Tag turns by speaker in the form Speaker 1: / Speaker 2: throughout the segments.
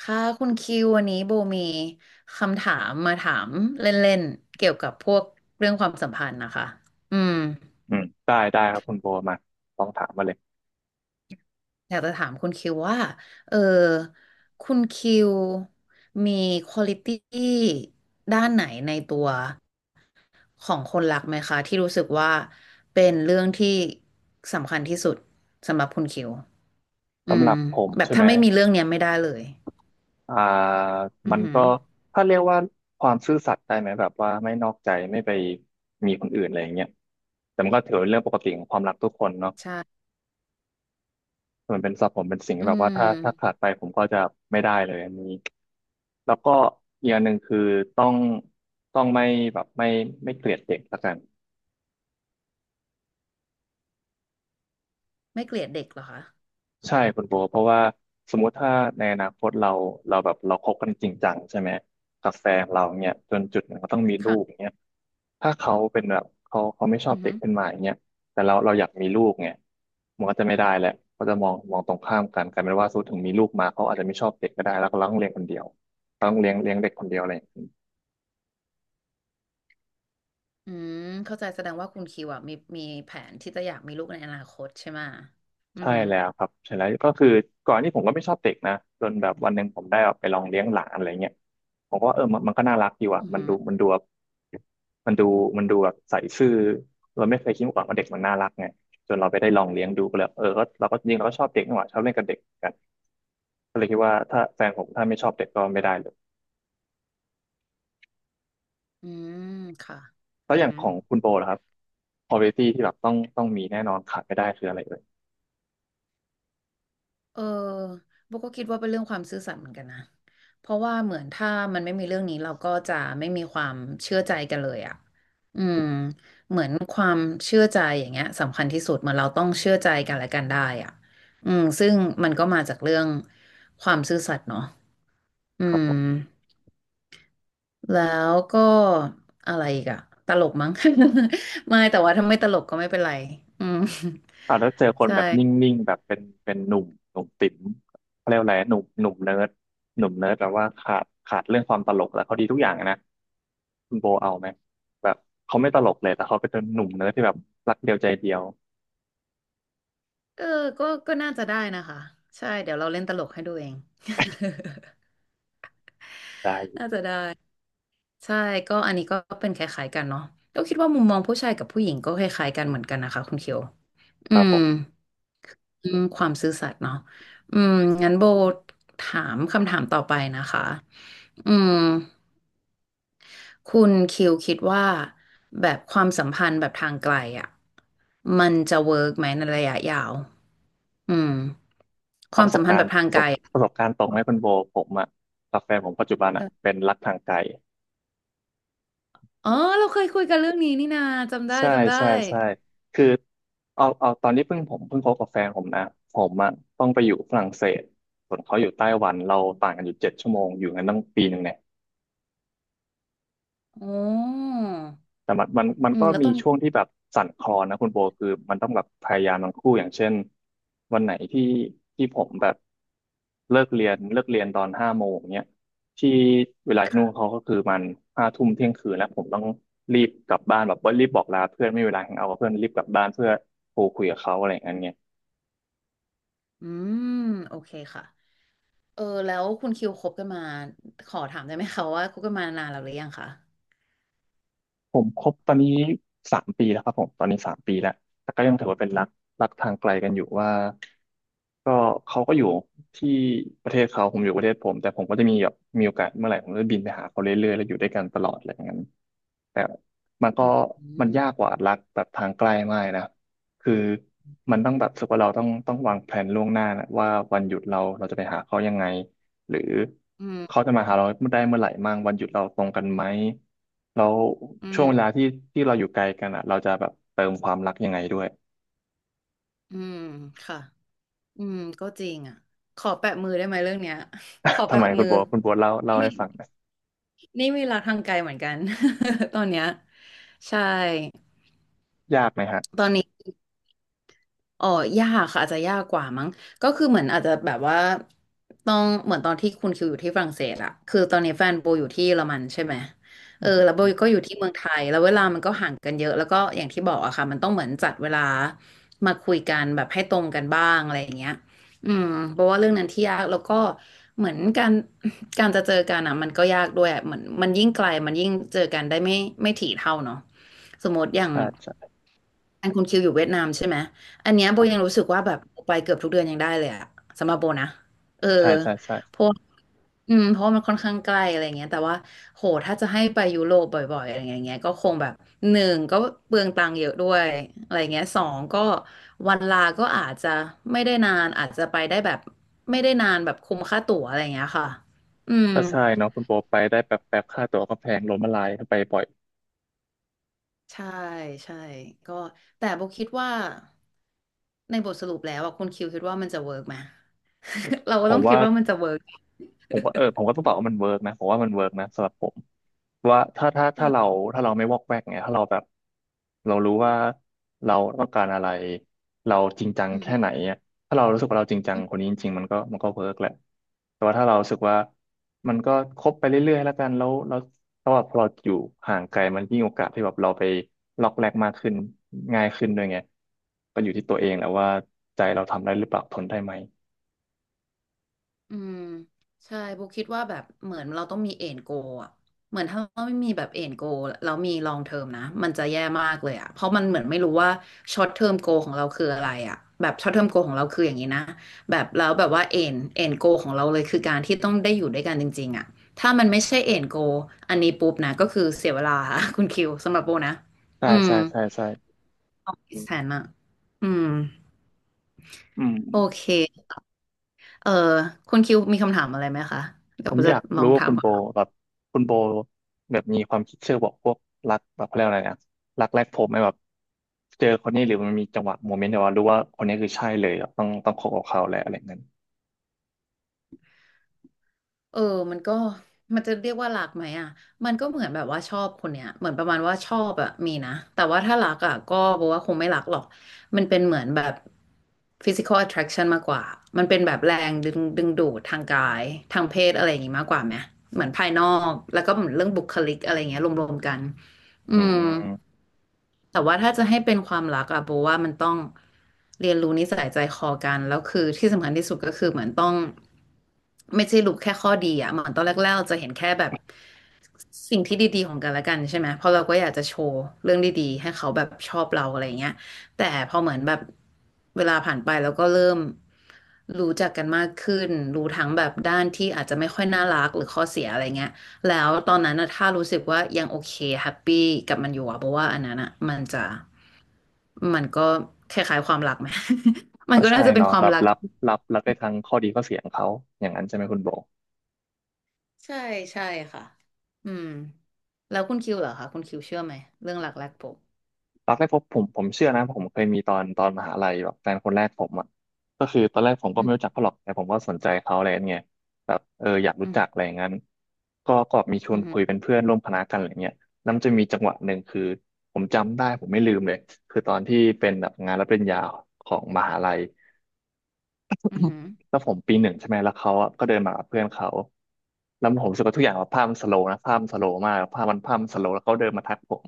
Speaker 1: ค่ะคุณคิววันนี้โบมีคำถามมาถามเล่นๆเกี่ยวกับพวกเรื่องความสัมพันธ์นะคะอืม
Speaker 2: อืมได้ครับคุณโบมาลองถามมาเลย
Speaker 1: อยากจะถามคุณคิวว่าเออคุณคิวมีควอลิตี้ด้านไหนในตัวของคนรักไหมคะที่รู้สึกว่าเป็นเรื่องที่สำคัญที่สุดสำหรับคุณคิวอื
Speaker 2: สำห
Speaker 1: ม
Speaker 2: รับผม
Speaker 1: แบบ
Speaker 2: ใช่ไหม
Speaker 1: ถ้าไม่มีเรื่องเนี้ยไม่ได้เลย
Speaker 2: อ่า
Speaker 1: อื
Speaker 2: มั
Speaker 1: อ
Speaker 2: น
Speaker 1: หื
Speaker 2: ก็
Speaker 1: อ
Speaker 2: ถ้าเรียกว่าความซื่อสัตย์ได้ไหมแบบว่าไม่นอกใจไม่ไปมีคนอื่นอะไรอย่างเงี้ยแต่มันก็ถือเป็นเรื่องปกติของความรักทุกคนเนาะ
Speaker 1: ใช่
Speaker 2: มันเป็นสับผมเป็นสิ่ง
Speaker 1: อื
Speaker 2: ที่แบบว่า
Speaker 1: ม
Speaker 2: ถ้าขาดไปผมก็จะไม่ได้เลยอันนี้แล้วก็อีกอย่างหนึ่งคือต้องต้องไม่แบบไม่ไม่เกลียดเด็กละกัน
Speaker 1: ไม่เกลียดเด็กเหรอคะ
Speaker 2: ใช่คุณโบเพราะว่าสมมุติถ้าในอนาคตเราคบกันจริงจังใช่ไหมกับแฟนเราเนี่ยจนจุดหนึ่งก็ต้องมีลูก
Speaker 1: ค่ะ
Speaker 2: เนี่ยถ้าเขาเป็นแบบเขาไม่ชอบ
Speaker 1: อือ
Speaker 2: เด็
Speaker 1: ฮึ
Speaker 2: กขึ้นมาอย่างเงี้ยแต่เราอยากมีลูกไงมันก็จะไม่ได้แหละเขาจะมองตรงข้ามกันกลายเป็นว่าสมมติถึงมีลูกมาเขาอาจจะไม่ชอบเด็กก็ได้แล้วก็เราต้องเลี้ยงคนเดียวเราต้องเลี้ยงเด็กคนเดียวอะไรอย่างเงี้ย
Speaker 1: อืมเข้าใจแสดงว่าคุณคิวอะมีแผนที่จะอยากมีลูกในอนาคตใช่ไหมะอือ
Speaker 2: ใช่
Speaker 1: หือ
Speaker 2: แล้วครับใช่แล้วก็คือก่อนที่ผมก็ไม่ชอบเด็กนะจนแบบวันหนึ่งผมได้แบบไปลองเลี้ยงหลานอะไรเงี้ยผมก็ว่าเออมันก็น่ารักดีว่ะ
Speaker 1: อือ
Speaker 2: มัน
Speaker 1: หือ
Speaker 2: ดูมันดูแบบมันดูมันดูแบบใส่ซื่อเราไม่เคยคิดมาก่อนว่าเด็กมันน่ารักไงจนเราไปได้ลองเลี้ยงดูก็เลยก็เราก็ชอบเด็กนี่หว่าชอบเล่นกับเด็กกันก็เลยคิดว่าถ้าแฟนผมถ้าไม่ชอบเด็กก็ไม่ได้เลย
Speaker 1: อืมค่ะ
Speaker 2: แล้ว
Speaker 1: อื
Speaker 2: อ
Speaker 1: อ
Speaker 2: ย่าง
Speaker 1: หื
Speaker 2: ข
Speaker 1: อ
Speaker 2: องคุณโบล่ะครับ quality ที่แบบต้องมีแน่นอนขาดไม่ได้คืออะไรเอ่ย
Speaker 1: เออโบก็คิดว่าเป็นเรื่องความซื่อสัตย์เหมือนกันนะเพราะว่าเหมือนถ้ามันไม่มีเรื่องนี้เราก็จะไม่มีความเชื่อใจกันเลยอ่ะอืมเหมือนความเชื่อใจอย่างเงี้ยสำคัญที่สุดเหมือนเราต้องเชื่อใจกันและกันได้อ่ะอืมซึ่งมันก็มาจากเรื่องความซื่อสัตย์เนาะอื
Speaker 2: ครั
Speaker 1: ม
Speaker 2: บ
Speaker 1: แล้วก็อะไรอีกอะตลกมั้ง ไม่แต่ว่าถ้าไม่ตลกก็ไม่เป็นไรอืม
Speaker 2: แล้วเจอคนแบบนิ่งๆแบบเป็นหนุ่มติ๋มเขาเรียกว่าอะไรหนุ่มเนิร์ดหนุ่มเนิร์ดแปลว่าขาดเรื่องความตลกแล้วเขาดีทุกอย่างอะนะคุณโบเอาไหมแบบเขาไม่ตลกเลยแต่เขาเป็นหนุ่มเนิร์ดที่แบบรักเดียวใจเดียว
Speaker 1: เออก็ก็น่าจะได้นะคะใช่เดี๋ยวเราเล่นตลกให้ดูเอง
Speaker 2: ได้
Speaker 1: ใช่ก็อันนี้ก็เป็นคล้ายๆกันเนาะก็คิดว่ามุมมองผู้ชายกับผู้หญิงก็คล้ายๆกันเหมือนกันนะคะคุณเคียว
Speaker 2: ค
Speaker 1: อื
Speaker 2: รับผ
Speaker 1: ม
Speaker 2: ม
Speaker 1: อืมความซื่อสัตย์เนาะอืมงั้นโบถามคำถามต่อไปนะคะอืม คุณคิวคิดว่าแบบความสัมพันธ์แบบทางไกลอ่ะมันจะเวิร์กไหมในระยะยาวอืม
Speaker 2: เอาประสบการณ์ประสบการณ์ตรงไหมคุณโบผมอะกับแฟนผมปัจจุบัน
Speaker 1: เอ
Speaker 2: อะ
Speaker 1: อ
Speaker 2: เป็นรักทางไกล
Speaker 1: อ๋อเราเคยคุยกันเรื่องนี้นี่นาจำได้
Speaker 2: ใช่
Speaker 1: จำได้
Speaker 2: ใช่ใช่คือเอาตอนที่เพิ่งผมเพิ่งคบกับแฟนผมนะ ผมอะต้องไปอยู่ฝรั่งเศสส่วนเขาอยู่ไต้หวันเราต่างกันอยู่7 ชั่วโมงอยู่กันตั้ง1 ปีเนี่ย
Speaker 1: โอ้
Speaker 2: แต่มัน
Speaker 1: อืม
Speaker 2: ก็
Speaker 1: แล้ว
Speaker 2: มี
Speaker 1: ตอนนี้
Speaker 2: ช่วงที่แบบสั่นคลอนนะคุณโบคือมันต้องแบบพยายามทั้งคู่อย่างเช่นวันไหนที่ผมแบบเลิกเรียนตอน5 โมงเนี้ยที่เวลาที่นู่นเขาก็คือมัน5 ทุ่มเที่ยงคืนแล้วผมต้องรีบกลับบ้านแบบว่ารีบบอกลาเพื่อนไม่มีเวลาแฮงเอาท์กับเพื่อนรีบกลับบ้านเพื่อโทรคุยกับเขาอะไรอย่างเงี้ย
Speaker 1: อืมโอเคค่ะเออแล้วคุณคิวคบกันมาขอถามได้ไหมคะว่าคบกันมานานแล้วหรือยังคะ
Speaker 2: ผมคบตอนนี้3 ปีแล้วครับผมตอนนี้สามปีแล้วแต่ก็ยังถือว่าเป็นรักทางไกลกันอยู่ว่าก็เขาก็อยู่ที่ประเทศเขาผมอยู่ประเทศผมแต่ผมก็จะแบบมีโอกาสเมื่อไหร่ผมก็จะบินไปหาเขาเรื่อยๆแล้วอยู่ด้วยกันตลอดอะไรอย่างนั้น แต่มันก็
Speaker 1: อื
Speaker 2: มัน
Speaker 1: ม
Speaker 2: ยากกว่ารักแบบทางใกลมากเนะคือมันต้องแบบรู้สึกว่าเราต้องวางแผนล่วงหน้านะว่าวันหยุดเราจะไปหาเขายังไงหรือ
Speaker 1: อืม
Speaker 2: เขาจะมาหาเราได้เมื่อไหร่มั่งวันหยุดเราตรงกันไหมแล้ว
Speaker 1: อื
Speaker 2: ช่วงเวลา
Speaker 1: ม
Speaker 2: ที่เราอยู่ไกลกันอ่ะเราจะแบบเติมความรักยังไงด้วย
Speaker 1: อืมค่ะอืมก็จริงอ่ะขอแปะมือได้ไหมเรื่องเนี้ย ขอ
Speaker 2: ทำ
Speaker 1: แปะ
Speaker 2: ไมคุ
Speaker 1: มื
Speaker 2: ณ
Speaker 1: อ
Speaker 2: โบวคุณโบวเล่าให้ฟังหนะ
Speaker 1: นี่มีรักทางไกลเหมือนกัน ตอนเนี้ยใช่
Speaker 2: ยากไหมฮะ
Speaker 1: ตอนนี้ อ๋อยากค่ะอาจจะยากกว่ามั้งก็คือเหมือนอาจจะแบบว่าต้องเหมือนตอนที่คุณคิวอยู่ที่ฝรั่งเศสอะคือตอนนี้แฟนโบอยู่ที่เยอรมันใช่ไหมเอ
Speaker 2: อื
Speaker 1: อแล้ว
Speaker 2: ม
Speaker 1: โบก็อยู่ที่เมืองไทยแล้วเวลามันก็ห่างกันเยอะแล้วก็อย่างที่บอกอะค่ะมันต้องเหมือนจัดเวลามาคุยกันแบบให้ตรงกันบ้างอะไรอย่างเงี้ยอืมเพราะว่าเรื่องนั้นที่ยากแล้วก็เหมือนการจะเจอกันอะมันก็ยากด้วยอะเหมือนมันยิ่งไกลมันยิ่งเจอกันได้ไม่ถี่เท่าเนาะสมมติอย่าง
Speaker 2: ใช่ใช่
Speaker 1: อันคุณคิวอยู่เวียดนามใช่ไหม อันเนี้ย
Speaker 2: ค
Speaker 1: โบ
Speaker 2: รั
Speaker 1: ยัง
Speaker 2: บ
Speaker 1: รู้สึกว่าแบบไปเกือบทุกเดือนยังได้เลยอะสำหรับโบนะเออ
Speaker 2: ใช่ใช่ใช่
Speaker 1: เพราะอืมเพราะวมันค่อนข้างใกล้อะไรเงี้ยแต่ว่าโหถ้าจะให้ไปยุโรปบ่อยๆอะไรเงี้ยก็คงแบบหนึ่งก็เปลืองตังค์เยอะด้วยอะไรเงี้ยสองก็วันลาก็อาจจะไม่ได้นานอาจจะไปได้แบบไม่ได้นานแบบคุ้มค่าตั๋วอะไรเงี้ยค่ะอืม
Speaker 2: ก็ใช่เนาะคุณโบไปได้แป๊บแป๊บค่าตั๋วก็แพงล้มละลายไปบ่อย
Speaker 1: ใช่ใช่ก็แต่โบคิดว่าในบทสรุปแล้วอะคุณคิวคิดว่ามันจะเวิร์กไหม เราก็
Speaker 2: ผ
Speaker 1: ต้อ
Speaker 2: ม
Speaker 1: งคิ
Speaker 2: ว่า
Speaker 1: ดว่ามันจะเวิร์ก
Speaker 2: ผมก็ต้องตอบว่ามันเวิร์กนะผมว่ามันเวิร์กนะสำหรับผมว่าถ้าเราไม่วอกแวกไงถ้าเราแบบเรารู้ว่าเราต้องการอะไรเราจริงจัง
Speaker 1: อื
Speaker 2: แค่ไหน
Speaker 1: ม
Speaker 2: อะถ้าเรารู้สึกว่าเราจริงจัง
Speaker 1: อื
Speaker 2: คน
Speaker 1: ม
Speaker 2: นี้จริงๆมันก็เวิร์กแหละแต่ว่าถ้าเรารู้สึกว่ามันก็คบไปเรื่อยๆแล้วกันแล้วแบบพอเราอยู่ห่างไกลมันยิ่งโอกาสที่แบบเราไปล็อกแรกมากขึ้นง่ายขึ้นด้วยไงก็อยู่ที่ตัวเองแหละว่าใจเราทำได้หรือเปล่าทนได้ไหม
Speaker 1: อืมใช่โบคิดว่าแบบเหมือนเราต้องมีเอ็นโกอะเหมือนถ้าเราไม่มีแบบเอ็นโกแล้วมีลองเทอมนะ มันจะแย่มากเลยอะเพราะมันเหมือนไม่รู้ว่าช็อตเทอมโกของเราคืออะไรอะแบบช็อตเทอมโกของเราคืออย่างนี้นะแบบแล้วแบบว่าเอ็นโกของเราเลยคือการที่ต้องได้อยู่ด้วยกันจริงๆอะถ้ามันไม่ใช่เอ็นโกอันนี้ปุ๊บนะก็คือเสียเวลาค่ะ คุณคิวสำหรับโบนะ
Speaker 2: ใช่
Speaker 1: อืม
Speaker 2: ใช่ใช่ใช่
Speaker 1: ออกแสนอะอืม
Speaker 2: อืม
Speaker 1: โอเค เออคุณคิวมีคำถามอะไรไหมคะเดี๋
Speaker 2: ผ
Speaker 1: ยว
Speaker 2: มอ
Speaker 1: จะ
Speaker 2: ยาก
Speaker 1: ลอ
Speaker 2: รู้
Speaker 1: ง
Speaker 2: ว่า
Speaker 1: ถา
Speaker 2: คุ
Speaker 1: ม
Speaker 2: ณ
Speaker 1: ก่
Speaker 2: โบ
Speaker 1: อน
Speaker 2: แบบคุณโบแบบมีความคิดเชื่อบอกพวกรักแบบเขาเรียกอะไรนะรักแรกพบไหมแบบเจอคนนี้หรือมันมีจังหวะโมเมนต์แบบว่ารู้ว่าคนนี้คือใช่เลยแบบต้องคบกับเขาแล้วอะไรเงี้ย
Speaker 1: เออมันก็มันจะเรียกว่ารักไหมอ่ะมันก็เหมือนแบบว่าชอบคนเนี้ยเหมือนประมาณว่าชอบอะมีนะแต่ว่าถ้ารักอะก็บอกว่าคงไม่รักหรอกมันเป็นเหมือนแบบ physical attraction มากกว่ามันเป็นแบบแรงดึงดูดทางกายทางเพศอะไรอย่างงี้มากกว่าไหมเหมือนภายนอกแล้วก็เหมือนเรื่องบุคลิกอะไรอย่างเงี้ยรวมๆกันอื
Speaker 2: อื
Speaker 1: ม
Speaker 2: ม
Speaker 1: แต่ว่าถ้าจะให้เป็นความรักอะโบว่ามันต้องเรียนรู้นิสัยใจคอกันแล้วคือที่สำคัญที่สุดก็คือเหมือนต้องไม่ใช่รู้แค่ข้อดีอะเหมือนตอนแรกๆเราจะเห็นแค่แบบสิ่งที่ดีๆของกันและกันใช่ไหมเพราะเราก็อยากจะโชว์เรื่องดีๆให้เขาแบบชอบเราอะไรเงี้ยแต่พอเหมือนแบบเวลาผ่านไปแล้วก็เริ่มรู้จักกันมากขึ้นรู้ทั้งแบบด้านที่อาจจะไม่ค่อยน่ารักหรือข้อเสียอะไรเงี้ย แล้วตอนนั้นนะถ้ารู้สึกว่ายังโอเคแฮปปี้กับมันอยู่อะเพราะว่าอันนั้นอะมันจะมันก็คล้ายๆความรักไหม มัน
Speaker 2: ก็
Speaker 1: ก็
Speaker 2: ใช่
Speaker 1: น่าจะเป็น
Speaker 2: เนาะ
Speaker 1: ควา
Speaker 2: แบ
Speaker 1: ม
Speaker 2: บ
Speaker 1: รัก
Speaker 2: รับรับได้ทั้งข้อดีข้อเสียของเขาอย่างนั้นใช่ไหมคุณโบ
Speaker 1: ใช่ใช่ค่ะอืมแล้วคุณคิวเหรอคะคุณคิวเชื่อไหมเรื่องรักแรกพบ
Speaker 2: รักแรกพบผมเชื่อนะผมเคยมีตอนมหาลัยแบบแฟนคนแรกผมอ่ะก็คือตอนแรกผมก็
Speaker 1: อื
Speaker 2: ไม่
Speaker 1: ม
Speaker 2: รู้จักเขาหรอกแต่ผมก็สนใจเขาอะไรเงี้ยแบบอยากรู้
Speaker 1: อืม
Speaker 2: จักอะไรอย่างนั้นก็มีช
Speaker 1: อื
Speaker 2: วน
Speaker 1: มอ
Speaker 2: คุยเป็นเพื่อนร่วมคณะกันอะไรเงี้ยแล้วมันจะมีจังหวะหนึ่งคือผมจำได้ผมไม่ลืมเลยคือตอนที่เป็นแบบงานรับปริญญาของมหาลัย
Speaker 1: ืมอืม
Speaker 2: แล้วผมปีหนึ่งใช่ไหมแล้วเขาอะก็เดินมากับเพื่อนเขาแล้วผมรู้สึกว่าทุกอย่างแบบภาพมันสโลว์นะภาพมันสโลว์มากภาพมันสโลว์แล้วเขาเดินมาทักผม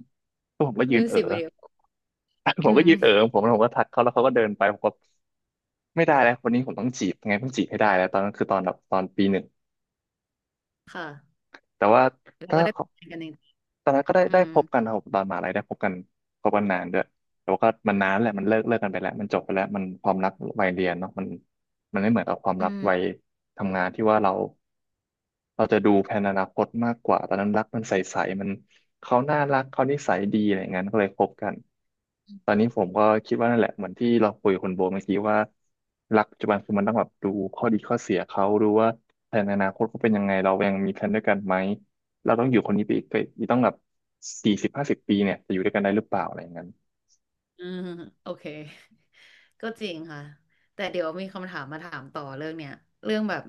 Speaker 2: แล้วผมก็ยื
Speaker 1: มิ
Speaker 2: น
Speaker 1: ว
Speaker 2: เอ๋อ
Speaker 1: สิกวิดีโอ
Speaker 2: ผ
Speaker 1: อื
Speaker 2: มก็ยืนเอ๋อ
Speaker 1: ม
Speaker 2: ของผมแล้วผมก็ทักเขาแล้วเขาก็เดินไปผมก็ไม่ได้แล้วคนนี้ผมต้องจีบยังไงต้องจีบให้ได้แล้วตอนนั้นคือตอนแบบตอนปีหนึ่ง
Speaker 1: ค่ะ
Speaker 2: แต่ว่า
Speaker 1: แล้ว
Speaker 2: ถ้า
Speaker 1: ก็ได้
Speaker 2: เขา
Speaker 1: ไปกันจริง
Speaker 2: ตอนนั้นก็ได้
Speaker 1: อื
Speaker 2: ได้
Speaker 1: ม
Speaker 2: พบกันครับตอนมหาลัยได้พบกันพบกันนานด้วยแต่ว่าก็มันนานแหละมันเลิกกันไปแล้วมันจบไปแล้วมันความรักวัยเรียนเนาะมันไม่เหมือนกับความ
Speaker 1: อื
Speaker 2: รัก
Speaker 1: ม
Speaker 2: วัยทำงานที่ว่าเรา เราจะดูแผนอนาคตมากกว่าตอนนั้นรักมันใสๆมันเขาน่ารักเขานิสัยดีอะไรอย่างนั้นก็เลยคบกันตอนนี้ผมก็คิดว่านั่นแหละเหมือนที่เราคุยกับคุณโบเมื่อกี้ว่ารักปัจจุบันคือมันต้องแบบดูข้อดีข้อเสียเขาดูว่าแผนอนาคตเขาเป็นยังไงเรายังมีแผนด้วยกันไหมเราต้องอยู่คนนี้ไปอีกไปอีกต้องแบบ40 50ปีเนี่ยจะอยู่ด้วยกันได้หรือเปล่าอะไรอย่างนั้น
Speaker 1: อืมโอเค ก็จริงค่ะแต่เดี๋ยวมีคำถามมาถามต่อเรื่องเนี้ยเรื่องแบบ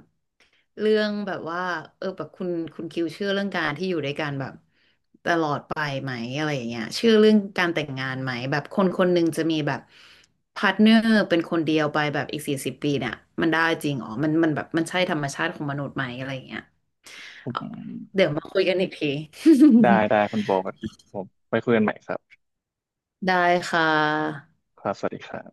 Speaker 1: เรื่องแบบว่าเออแบบคุณคิวเชื่อเรื่องการที่อยู่ด้วยกันแบบตลอดไปไหมอะไรอย่างเงี้ยเชื่อเรื่องการแต่งงานไหมแบบคนคนหนึ่งจะมีแบบพาร์ทเนอร์เป็นคนเดียวไปแบบอีก40 ปีเนี่ยมันได้จริงอ๋อมันมันแบบมันใช่ธรรมชาติของมนุษย์ไหมอะไรอย่างเงี้ย
Speaker 2: อื
Speaker 1: เอาเดี๋
Speaker 2: ม
Speaker 1: ยวมาคุยกันอีกที
Speaker 2: ได้คุณโบครับผมไปคุยกันใหม่ครับ
Speaker 1: ได้ค่ะ
Speaker 2: ครับสวัสดีครับ